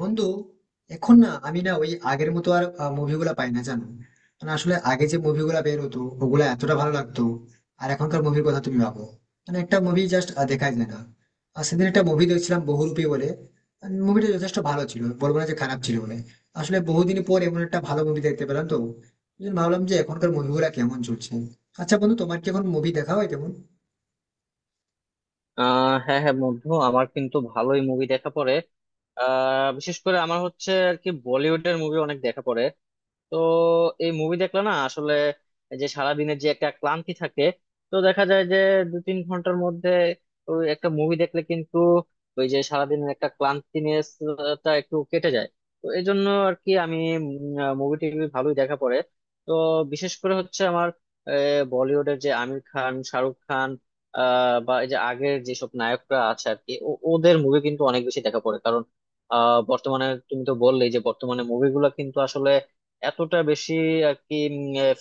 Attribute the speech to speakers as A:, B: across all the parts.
A: বন্ধু, এখন না আমি না ওই আগের মতো আর মুভিগুলা পাই না, জানো। মানে আসলে আগে যে মুভিগুলা বের হতো ওগুলা এতটা ভালো লাগতো। আর এখনকার মুভির কথা তুমি ভাবো, মানে একটা মুভি জাস্ট দেখাই যায় না। আর সেদিন একটা মুভি দেখছিলাম, বহুরূপী বলে। মুভিটা যথেষ্ট ভালো ছিল, বলবো না যে খারাপ ছিল বলে। আসলে বহুদিন পর এমন একটা ভালো মুভি দেখতে পেলাম, তো এই জন্য ভাবলাম যে এখনকার মুভিগুলা কেমন চলছে। আচ্ছা বন্ধু, তোমার কি এখন মুভি দেখা হয় তেমন?
B: হ্যাঁ, হ্যাঁ বন্ধু, আমার কিন্তু ভালোই মুভি দেখা পড়ে। বিশেষ করে আমার হচ্ছে আর কি বলিউডের মুভি অনেক দেখা পড়ে। তো এই মুভি দেখলে না, আসলে এই যে সারাদিনের যে একটা ক্লান্তি থাকে, তো দেখা যায় যে দু তিন ঘন্টার মধ্যে ওই একটা মুভি দেখলে কিন্তু ওই যে সারাদিনের একটা ক্লান্তিনেস টা একটু কেটে যায়। তো এই জন্য আর কি আমি মুভি টিভি ভালোই দেখা পড়ে। তো বিশেষ করে হচ্ছে আমার, বলিউডের যে আমির খান, শাহরুখ খান, বা এই যে আগের যেসব নায়করা আছে আর কি ওদের মুভি কিন্তু অনেক বেশি দেখা পড়ে। কারণ বর্তমানে তুমি তো বললেই যে বর্তমানে মুভিগুলো কিন্তু এতটা বেশি আর কি,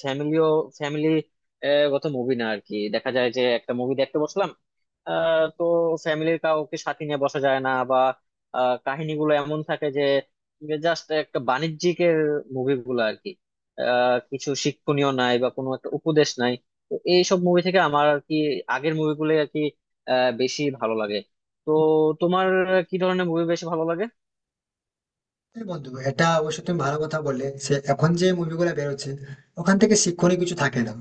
B: ফ্যামিলিও, ফ্যামিলি গত মুভি না আর কি, দেখা যায় যে একটা মুভি দেখতে বসলাম, তো ফ্যামিলির কাউকে সাথে নিয়ে বসা যায় না, বা কাহিনীগুলো এমন থাকে যে জাস্ট একটা বাণিজ্যিকের মুভিগুলো আর কি, কিছু শিক্ষণীয় নাই বা কোনো একটা উপদেশ নাই। তো এইসব মুভি থেকে আমার আর কি আগের মুভিগুলো আর কি বেশি ভালো লাগে। তো তোমার কি ধরনের মুভি বেশি ভালো লাগে?
A: হ্যাঁ বন্ধু, এটা অবশ্য তুমি ভালো কথা বললে, সে এখন যে মুভিগুলো বেরোচ্ছে ওখান থেকে শিক্ষণীয় কিছু থাকে না।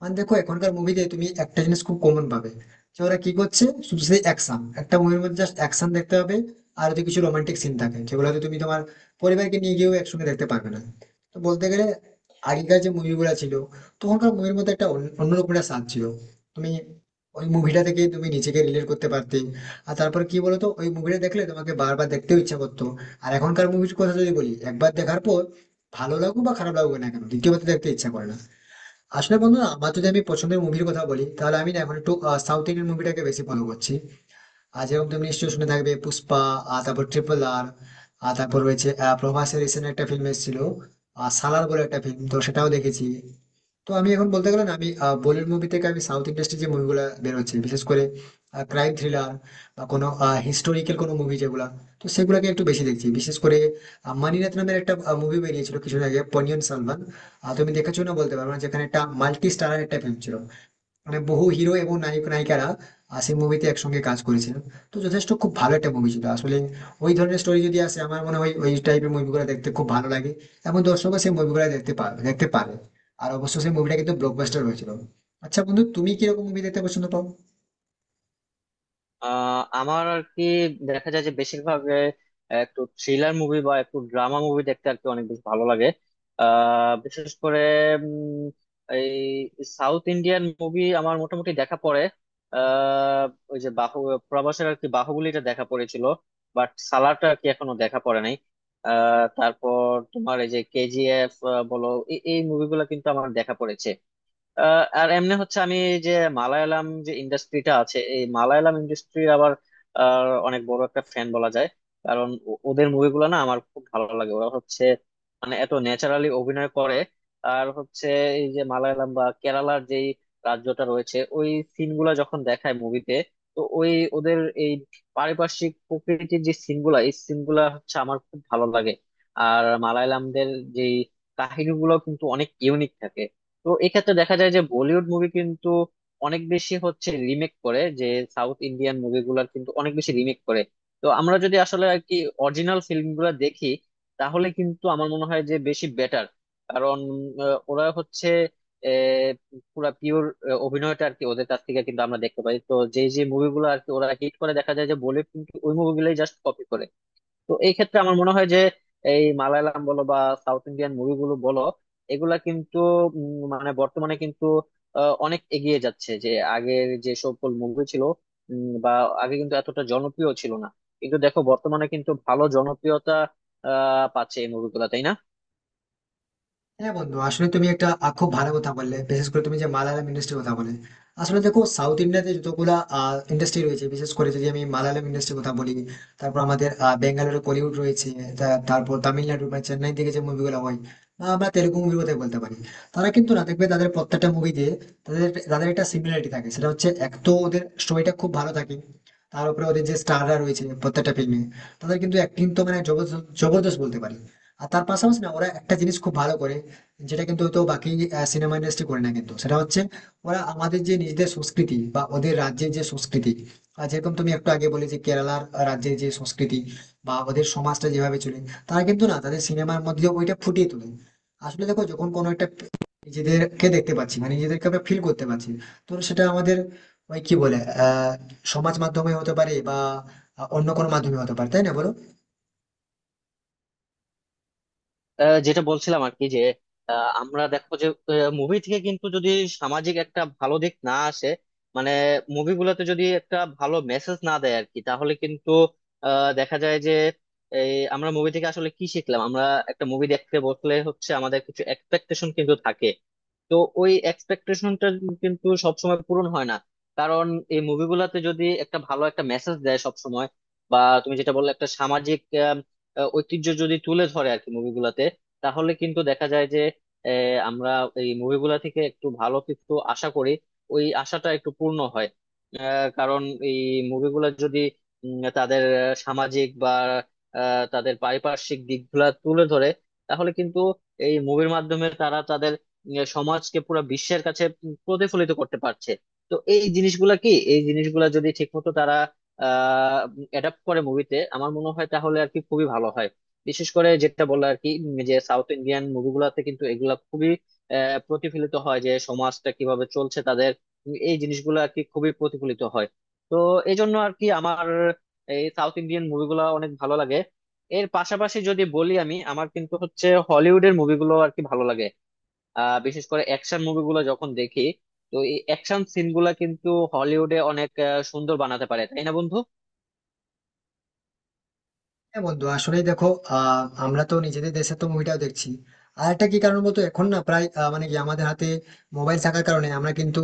A: মানে দেখো, এখনকার মুভিতে তুমি একটা জিনিস খুব কমন পাবে, যে ওরা কি করছে শুধু সেই অ্যাকশন, একটা মুভির মধ্যে জাস্ট অ্যাকশন দেখতে হবে। আর যদি কিছু রোমান্টিক সিন থাকে, যেগুলো হয়তো তুমি তোমার পরিবারকে নিয়ে গিয়েও একসঙ্গে দেখতে পারবে না। তো বলতে গেলে আগেকার যে মুভিগুলো ছিল, তখনকার মুভির মধ্যে একটা অন্যরকম একটা স্বাদ ছিল। তুমি ওই মুভিটা থেকে তুমি নিজেকে রিলেট করতে পারতে। আর তারপর কি বলতো, ওই মুভিটা দেখলে তোমাকে বারবার দেখতেও ইচ্ছা করতো। আর এখনকার মুভির কথা যদি বলি, একবার দেখার পর ভালো লাগুক বা খারাপ লাগুক না কেন, দ্বিতীয়বার তো দেখতে ইচ্ছা করে না। আসলে বন্ধু না, আমার যদি আমি পছন্দের মুভির কথা বলি, তাহলে আমি না এখন একটু সাউথ ইন্ডিয়ান মুভিটাকে বেশি ফলো করছি। আর যেরকম তুমি নিশ্চয়ই শুনে থাকবে, পুষ্পা, আর তারপর ট্রিপল আর, আর তারপর রয়েছে প্রভাসের রিসেন্ট একটা ফিল্ম এসেছিল। আর সালার বলে একটা ফিল্ম, তো সেটাও দেখেছি। তো আমি এখন বলতে গেলে না, আমি বলিউড মুভি থেকে আমি সাউথ ইন্ডাস্ট্রি যে মুভিগুলো বেরোচ্ছে বিশেষ করে ক্রাইম থ্রিলার বা কোনো হিস্টোরিক্যাল কোনো মুভি যেগুলা, তো সেগুলোকে একটু বেশি দেখছি। বিশেষ করে মানিরত্ নামের একটা মুভি বেরিয়েছিল কিছুদিন আগে, পোন্নিয়িন সেলভান, তুমি দেখেছো না বলতে পারবো না, যেখানে একটা মাল্টি স্টারার একটা ফিল্ম ছিল। মানে বহু হিরো এবং নায়ক নায়িকারা সেই মুভিতে একসঙ্গে কাজ করেছিলেন। তো যথেষ্ট খুব ভালো একটা মুভি ছিল আসলে। ওই ধরনের স্টোরি যদি আসে, আমার মনে হয় ওই টাইপের মুভিগুলো দেখতে খুব ভালো লাগে, এবং দর্শকও সেই মুভিগুলো দেখতে পারে। আর অবশ্য সেই মুভিটা কিন্তু ব্লকবাস্টার হয়েছিল। আচ্ছা বন্ধু, তুমি কিরকম মুভি দেখতে পছন্দ পাও?
B: আমার আর কি দেখা যায় যে বেশিরভাগ একটু থ্রিলার মুভি বা একটু ড্রামা মুভি দেখতে আর কি অনেক বেশি ভালো লাগে। বিশেষ করে উম, এই সাউথ ইন্ডিয়ান মুভি আমার মোটামুটি দেখা পড়ে। আহ ওই যে বাহু, প্রবাসের আর কি বাহুবলীটা দেখা পড়েছিল, বাট সালারটা আর কি এখনো দেখা পড়ে নাই। তারপর তোমার এই যে কেজিএফ বলো, এই মুভিগুলো কিন্তু আমার দেখা পড়েছে। আর এমনি হচ্ছে আমি যে মালায়ালাম যে ইন্ডাস্ট্রিটা আছে, এই মালায়ালাম ইন্ডাস্ট্রির আবার অনেক বড় একটা ফ্যান বলা যায়। কারণ ওদের মুভিগুলো না আমার খুব ভালো লাগে। ওরা হচ্ছে মানে এত ন্যাচারালি অভিনয় করে। আর হচ্ছে এই যে মালায়ালাম বা কেরালার যেই রাজ্যটা রয়েছে, ওই সিনগুলা যখন দেখায় মুভিতে, তো ওই ওদের এই পারিপার্শ্বিক প্রকৃতির যে সিনগুলা, এই সিনগুলা হচ্ছে আমার খুব ভালো লাগে। আর মালায়ালামদের যেই কাহিনীগুলো কিন্তু অনেক ইউনিক থাকে। তো এক্ষেত্রে দেখা যায় যে বলিউড মুভি কিন্তু অনেক বেশি হচ্ছে রিমেক করে, যে সাউথ ইন্ডিয়ান মুভিগুলোর কিন্তু অনেক বেশি রিমেক করে। তো আমরা যদি আসলে আর কি অরিজিনাল ফিল্মগুলো দেখি, তাহলে কিন্তু আমার মনে হয় যে বেশি বেটার। কারণ ওরা হচ্ছে আহ, পুরা পিওর অভিনয়টা আর কি ওদের কাছ থেকে কিন্তু আমরা দেখতে পাই। তো যে যে মুভিগুলো আর কি ওরা হিট করে, দেখা যায় যে বলিউড কিন্তু ওই মুভিগুলোই জাস্ট কপি করে। তো এই ক্ষেত্রে আমার মনে হয় যে এই মালায়ালাম বলো বা সাউথ ইন্ডিয়ান মুভিগুলো বলো, এগুলা কিন্তু মানে বর্তমানে কিন্তু অনেক এগিয়ে যাচ্ছে। যে আগের যে সকল মুভি ছিল, বা আগে কিন্তু এতটা জনপ্রিয় ছিল না, কিন্তু দেখো বর্তমানে কিন্তু ভালো জনপ্রিয়তা পাচ্ছে এই মুভিগুলা, তাই না?
A: হ্যাঁ বন্ধু, আসলে তুমি একটা খুব ভালো কথা বললে, বিশেষ করে তুমি যে মালায়ালাম ইন্ডাস্ট্রির কথা বলে। আসলে দেখো, সাউথ ইন্ডিয়াতে যতগুলা ইন্ডাস্ট্রি রয়েছে, বিশেষ করে যদি আমি মালায়ালাম ইন্ডাস্ট্রির কথা বলি, তারপর আমাদের বেঙ্গালুরু কলিউড রয়েছে, তারপর তামিলনাড়ু বা চেন্নাই থেকে যে মুভিগুলো হয়, বা আমরা তেলুগু মুভির কথাই বলতে পারি। তারা কিন্তু না, দেখবে তাদের প্রত্যেকটা মুভিতে তাদের তাদের একটা সিমিলারিটি থাকে, সেটা হচ্ছে এক তো ওদের স্টোরিটা খুব ভালো থাকে। তার উপরে ওদের যে স্টাররা রয়েছে প্রত্যেকটা ফিল্মে, তাদের কিন্তু অ্যাক্টিং তো মানে জবরদস্ত, জবরদস্ত বলতে পারি। আর তার পাশাপাশি না, ওরা একটা জিনিস খুব ভালো করে, যেটা কিন্তু হয়তো বাকি সিনেমা ইন্ডাস্ট্রি করে না, কিন্তু সেটা হচ্ছে ওরা আমাদের যে নিজেদের সংস্কৃতি বা ওদের রাজ্যের যে সংস্কৃতি। আর যেরকম তুমি একটু আগে বলে যে কেরালার রাজ্যের যে সংস্কৃতি বা ওদের সমাজটা যেভাবে চলে, তারা কিন্তু না, তাদের সিনেমার মধ্যে ওইটা ফুটিয়ে তোলে। আসলে দেখো, যখন কোনো একটা নিজেদেরকে দেখতে পাচ্ছি, মানে নিজেদেরকে আমরা ফিল করতে পারছি, তো সেটা আমাদের ওই কি বলে, আহ সমাজ মাধ্যমে হতে পারে বা অন্য কোনো মাধ্যমে হতে পারে, তাই না বলো?
B: যেটা বলছিলাম আর কি, যে আমরা দেখো যে মুভি থেকে কিন্তু যদি সামাজিক একটা ভালো দিক না আসে, মানে মুভিগুলোতে যদি একটা ভালো মেসেজ না দেয় আর কি, তাহলে কিন্তু দেখা যায় যে এই আমরা মুভি থেকে আসলে কি শিখলাম আমরা। একটা মুভি দেখতে বসলে হচ্ছে আমাদের কিছু এক্সপেকটেশন কিন্তু থাকে। তো ওই এক্সপেকটেশনটা কিন্তু সবসময় পূরণ হয় না। কারণ এই মুভিগুলাতে যদি একটা ভালো একটা মেসেজ দেয় সবসময়, বা তুমি যেটা বললে একটা সামাজিক আম, ঐতিহ্য যদি তুলে ধরে আর কি মুভিগুলাতে, তাহলে কিন্তু দেখা যায় যে আহ, আমরা এই মুভিগুলা থেকে একটু ভালো কিছু আশা করি, ওই আশাটা একটু পূর্ণ হয়। কারণ এই মুভিগুলা যদি তাদের সামাজিক বা তাদের পারিপার্শ্বিক দিকগুলা তুলে ধরে, তাহলে কিন্তু এই মুভির মাধ্যমে তারা তাদের সমাজকে পুরো বিশ্বের কাছে প্রতিফলিত করতে পারছে। তো এই জিনিসগুলা কি, এই জিনিসগুলা যদি ঠিকমতো তারা আহ অ্যাডাপ্ট করে মুভিতে, আমার মনে হয় তাহলে আর কি খুবই ভালো হয়। বিশেষ করে যেটা বললো আর কি যে সাউথ ইন্ডিয়ান মুভিগুলাতে কিন্তু এগুলা খুবই প্রতিফলিত হয়, যে সমাজটা কিভাবে চলছে তাদের, এই জিনিসগুলো আর কি খুবই প্রতিফলিত হয়। তো এই জন্য আর কি আমার এই সাউথ ইন্ডিয়ান মুভিগুলো অনেক ভালো লাগে। এর পাশাপাশি যদি বলি, আমি আমার কিন্তু হচ্ছে হলিউডের মুভিগুলো আর কি ভালো লাগে। বিশেষ করে অ্যাকশন মুভিগুলো যখন দেখি, তো এই অ্যাকশন সিনগুলা কিন্তু হলিউডে অনেক সুন্দর বানাতে পারে, তাই না বন্ধু?
A: হ্যাঁ বন্ধু, আসলেই দেখো, আমরা তো নিজেদের দেশে তো মুভিটাও দেখছি। আর একটা কি কারণ বলতো, এখন না প্রায় মানে কি আমাদের হাতে মোবাইল থাকার কারণে আমরা কিন্তু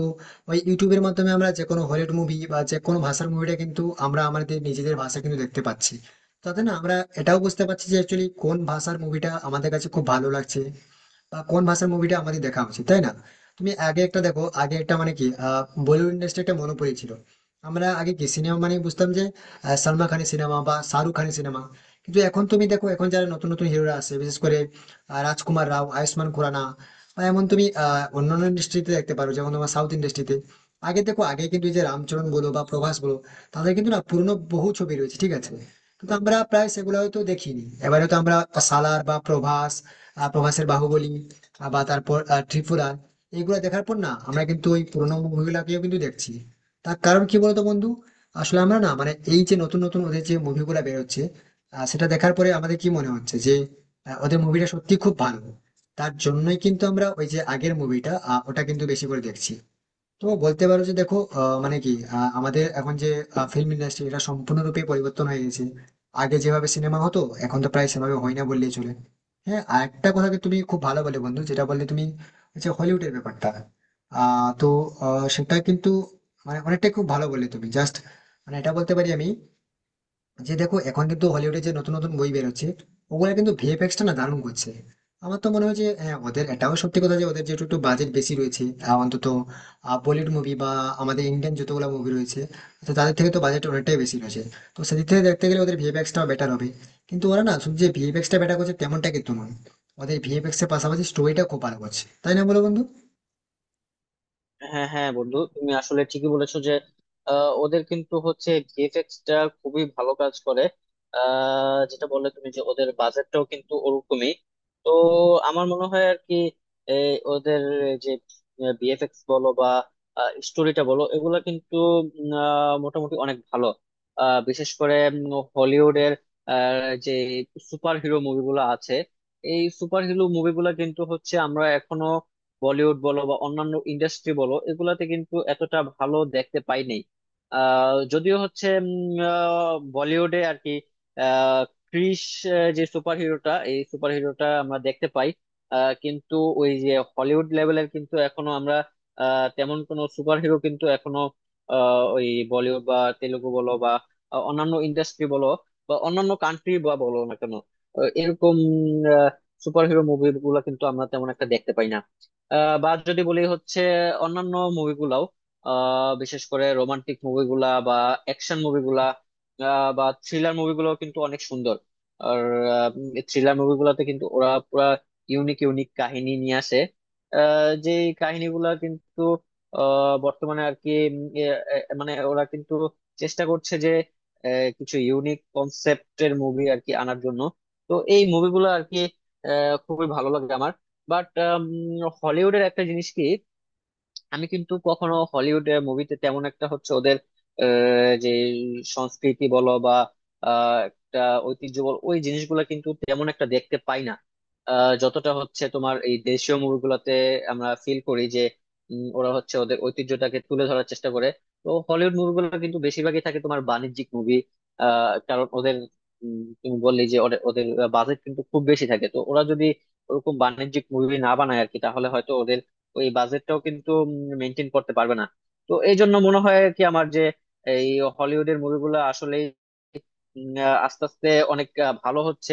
A: ওই ইউটিউবের মাধ্যমে আমরা যে কোনো হলিউড মুভি বা যে কোনো ভাষার মুভিটা কিন্তু আমরা আমাদের নিজেদের ভাষা কিন্তু দেখতে পাচ্ছি। তাতে না আমরা এটাও বুঝতে পারছি যে অ্যাকচুয়ালি কোন ভাষার মুভিটা আমাদের কাছে খুব ভালো লাগছে, বা কোন ভাষার মুভিটা আমাদের দেখা উচিত, তাই না? তুমি আগে একটা দেখো, আগে একটা মানে কি বলিউড ইন্ডাস্ট্রি একটা মনোপলি ছিল। আমরা আগে কি সিনেমা মানে বুঝতাম, যে সালমান খানের সিনেমা বা শাহরুখ খানের সিনেমা। কিন্তু এখন তুমি দেখো, এখন যারা নতুন নতুন হিরোরা আছে, বিশেষ করে রাজকুমার রাও, আয়ুষ্মান খুরানা, বা এমন তুমি অন্যান্য ইন্ডাস্ট্রিতে দেখতে পারো, যেমন তোমার সাউথ ইন্ডাস্ট্রিতে। আগে দেখো, আগে কিন্তু এই যে রামচরণ বলো বা প্রভাস বলো, তাদের কিন্তু না, পুরনো বহু ছবি রয়েছে, ঠিক আছে। কিন্তু আমরা প্রায় সেগুলো হয়তো দেখিনি, এবারে তো আমরা সালার বা প্রভাস, প্রভাসের বাহুবলী, বা তারপর ত্রিপুরা, এগুলো দেখার পর না আমরা কিন্তু ওই পুরোনো মুভিগুলাকেও কিন্তু দেখছি। তার কারণ কি বলতো বন্ধু? আসলে আমরা না, মানে এই যে নতুন নতুন ওদের যে মুভিগুলা বেরোচ্ছে, সেটা দেখার পরে আমাদের কি মনে হচ্ছে যে ওদের মুভিটা সত্যি খুব ভালো। তার জন্যই কিন্তু আমরা ওই যে আগের মুভিটা, ওটা কিন্তু বেশি করে দেখছি। তো বলতে পারো যে দেখো, মানে কি আমাদের এখন যে ফিল্ম ইন্ডাস্ট্রি, এটা সম্পূর্ণরূপে পরিবর্তন হয়ে গেছে। আগে যেভাবে সিনেমা হতো, এখন তো প্রায় সেভাবে হয় না বললেই চলে। হ্যাঁ, আর একটা কথা কি তুমি খুব ভালো বলে বন্ধু, যেটা বললে তুমি, হচ্ছে হলিউডের ব্যাপারটা। তো সেটা কিন্তু মানে অনেকটাই খুব ভালো বললে তুমি, জাস্ট মানে এটা বলতে পারি আমি, যে দেখো এখন কিন্তু হলিউডে যে নতুন নতুন বই বেরোচ্ছে, ওগুলা কিন্তু ভিএফএক্স টা না দারুণ করছে। আমার তো মনে হয় যে হ্যাঁ, ওদের এটাও সত্যি কথা যে ওদের যেহেতু একটু বাজেট বেশি রয়েছে, অন্তত বলিউড মুভি বা আমাদের ইন্ডিয়ান যতগুলো মুভি রয়েছে, তো তাদের থেকে তো বাজেট অনেকটাই বেশি রয়েছে। তো সেদিক থেকে দেখতে গেলে ওদের ভিএফএক্স টাও বেটার হবে। কিন্তু ওরা না শুধু যে ভিএফএক্স টা বেটার করছে তেমনটা কিন্তু নয়, ওদের ভিএফএক্স এর পাশাপাশি স্টোরিটা খুব ভালো করছে, তাই না বলো বন্ধু?
B: হ্যাঁ, হ্যাঁ বন্ধু, তুমি আসলে ঠিকই বলেছো যে ওদের কিন্তু হচ্ছে ভিএফএক্স টা খুবই ভালো কাজ করে। যেটা বললে তুমি যে ওদের বাজেটটাও কিন্তু ওরকমই। তো আমার মনে হয় আর কি এই ওদের যে ভিএফএক্স বলো বা স্টোরিটা বলো, এগুলা কিন্তু মোটামুটি অনেক ভালো। বিশেষ করে হলিউডের যে সুপার হিরো মুভিগুলো আছে, এই সুপার হিরো মুভিগুলো কিন্তু হচ্ছে আমরা এখনো বলিউড বলো বা অন্যান্য ইন্ডাস্ট্রি বলো, এগুলাতে কিন্তু এতটা ভালো দেখতে পাই নাই। যদিও হচ্ছে বলিউডে আর কি আহ, ক্রিস, যে সুপার হিরোটা, এই সুপার হিরোটা আমরা দেখতে পাই। কিন্তু ওই যে হলিউড লেভেলের কিন্তু এখনো আমরা তেমন কোনো সুপার হিরো কিন্তু এখনো ওই বলিউড বা তেলুগু বলো বা অন্যান্য ইন্ডাস্ট্রি বলো, বা অন্যান্য কান্ট্রি বা বলো না কেন, এরকম সুপার হিরো মুভি গুলা কিন্তু আমরা তেমন একটা দেখতে পাই না। বা যদি বলি হচ্ছে অন্যান্য মুভিগুলাও, বিশেষ করে রোমান্টিক মুভিগুলা বা অ্যাকশন মুভিগুলা বা থ্রিলার মুভিগুলো কিন্তু অনেক সুন্দর। আর থ্রিলার মুভিগুলোতে কিন্তু ওরা পুরা ইউনিক ইউনিক কাহিনী নিয়ে আসে। যে কাহিনীগুলা কিন্তু বর্তমানে আর কি মানে ওরা কিন্তু চেষ্টা করছে যে কিছু ইউনিক কনসেপ্টের মুভি আর কি আনার জন্য। তো এই মুভিগুলো আর কি খুবই ভালো লাগে আমার। বাট হলিউডের একটা জিনিস কি, আমি কিন্তু কখনো হলিউড মুভিতে তেমন একটা হচ্ছে ওদের যে সংস্কৃতি বলো বা একটা ঐতিহ্য বলো, ওই জিনিসগুলো কিন্তু তেমন একটা দেখতে পাই না। যতটা হচ্ছে তোমার এই দেশীয় মুভিগুলোতে আমরা ফিল করি যে ওরা হচ্ছে ওদের ঐতিহ্যটাকে তুলে ধরার চেষ্টা করে। তো হলিউড মুভিগুলো কিন্তু বেশিরভাগই থাকে তোমার বাণিজ্যিক মুভি। কারণ ওদের, তুমি বললি যে ওদের ওদের বাজেট কিন্তু খুব বেশি থাকে, তো ওরা যদি ওরকম বাণিজ্যিক মুভি না বানায় আর কি, তাহলে হয়তো ওদের ওই বাজেটটাও কিন্তু মেনটেন করতে পারবে না। তো এই জন্য মনে হয় কি আমার, যে এই হলিউডের মুভিগুলো আসলে আস্তে আস্তে অনেক ভালো হচ্ছে।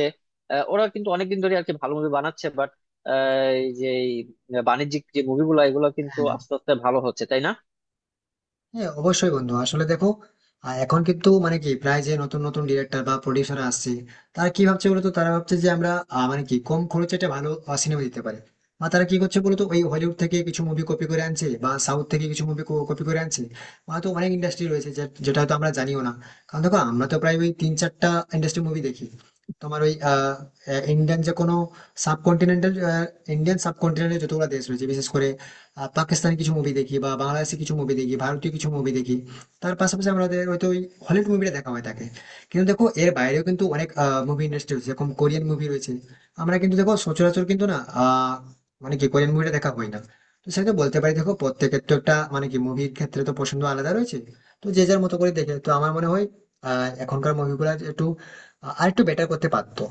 B: ওরা কিন্তু অনেকদিন ধরে আর কি ভালো মুভি বানাচ্ছে, বাট যে এই বাণিজ্যিক যে মুভিগুলো, এগুলো কিন্তু
A: হ্যাঁ,
B: আস্তে আস্তে ভালো হচ্ছে, তাই না?
A: হ্যাঁ, অবশ্যই বন্ধু, আসলে দেখো, এখন কিন্তু মানে কি প্রায় যে নতুন নতুন ডিরেক্টর বা প্রডিউসার আসছে। তারা কি ভাবছে বলতো, তারা ভাবছে যে আমরা মানে কি কম খরচে একটা ভালো সিনেমা দিতে পারি। বা তারা কি করছে বলতো, ওই হলিউড থেকে কিছু মুভি কপি করে আনছে, বা সাউথ থেকে কিছু মুভি কপি করে আনছে। বা তো অনেক ইন্ডাস্ট্রি রয়েছে যেটা হয়তো আমরা জানিও না। কারণ দেখো, আমরা তো প্রায় ওই তিন চারটা ইন্ডাস্ট্রি মুভি দেখি, তোমার ওই ইন্ডিয়ান যে কোনো সাবকন্টিনেন্টাল, ইন্ডিয়ান সাবকন্টিনেন্টে যতগুলো দেশ রয়েছে, বিশেষ করে পাকিস্তানি কিছু মুভি দেখি বা বাংলাদেশি কিছু মুভি দেখি, ভারতীয় কিছু মুভি দেখি। তার পাশাপাশি আমাদের হয়তো ওই হলিউড মুভিটা দেখা হয়ে থাকে। কিন্তু দেখো, এর বাইরেও কিন্তু অনেক মুভি ইন্ডাস্ট্রি রয়েছে, যেরকম কোরিয়ান মুভি রয়েছে। আমরা কিন্তু দেখো সচরাচর কিন্তু না, মানে কি কোরিয়ান মুভিটা দেখা হয় না। তো সেটা তো বলতে পারি, দেখো প্রত্যেকের তো একটা মানে কি মুভির ক্ষেত্রে তো পছন্দ আলাদা রয়েছে, তো যে যার মতো করে দেখে। তো আমার মনে হয় এখনকার মুভিগুলো একটু আর একটু বেটার করতে পারতো।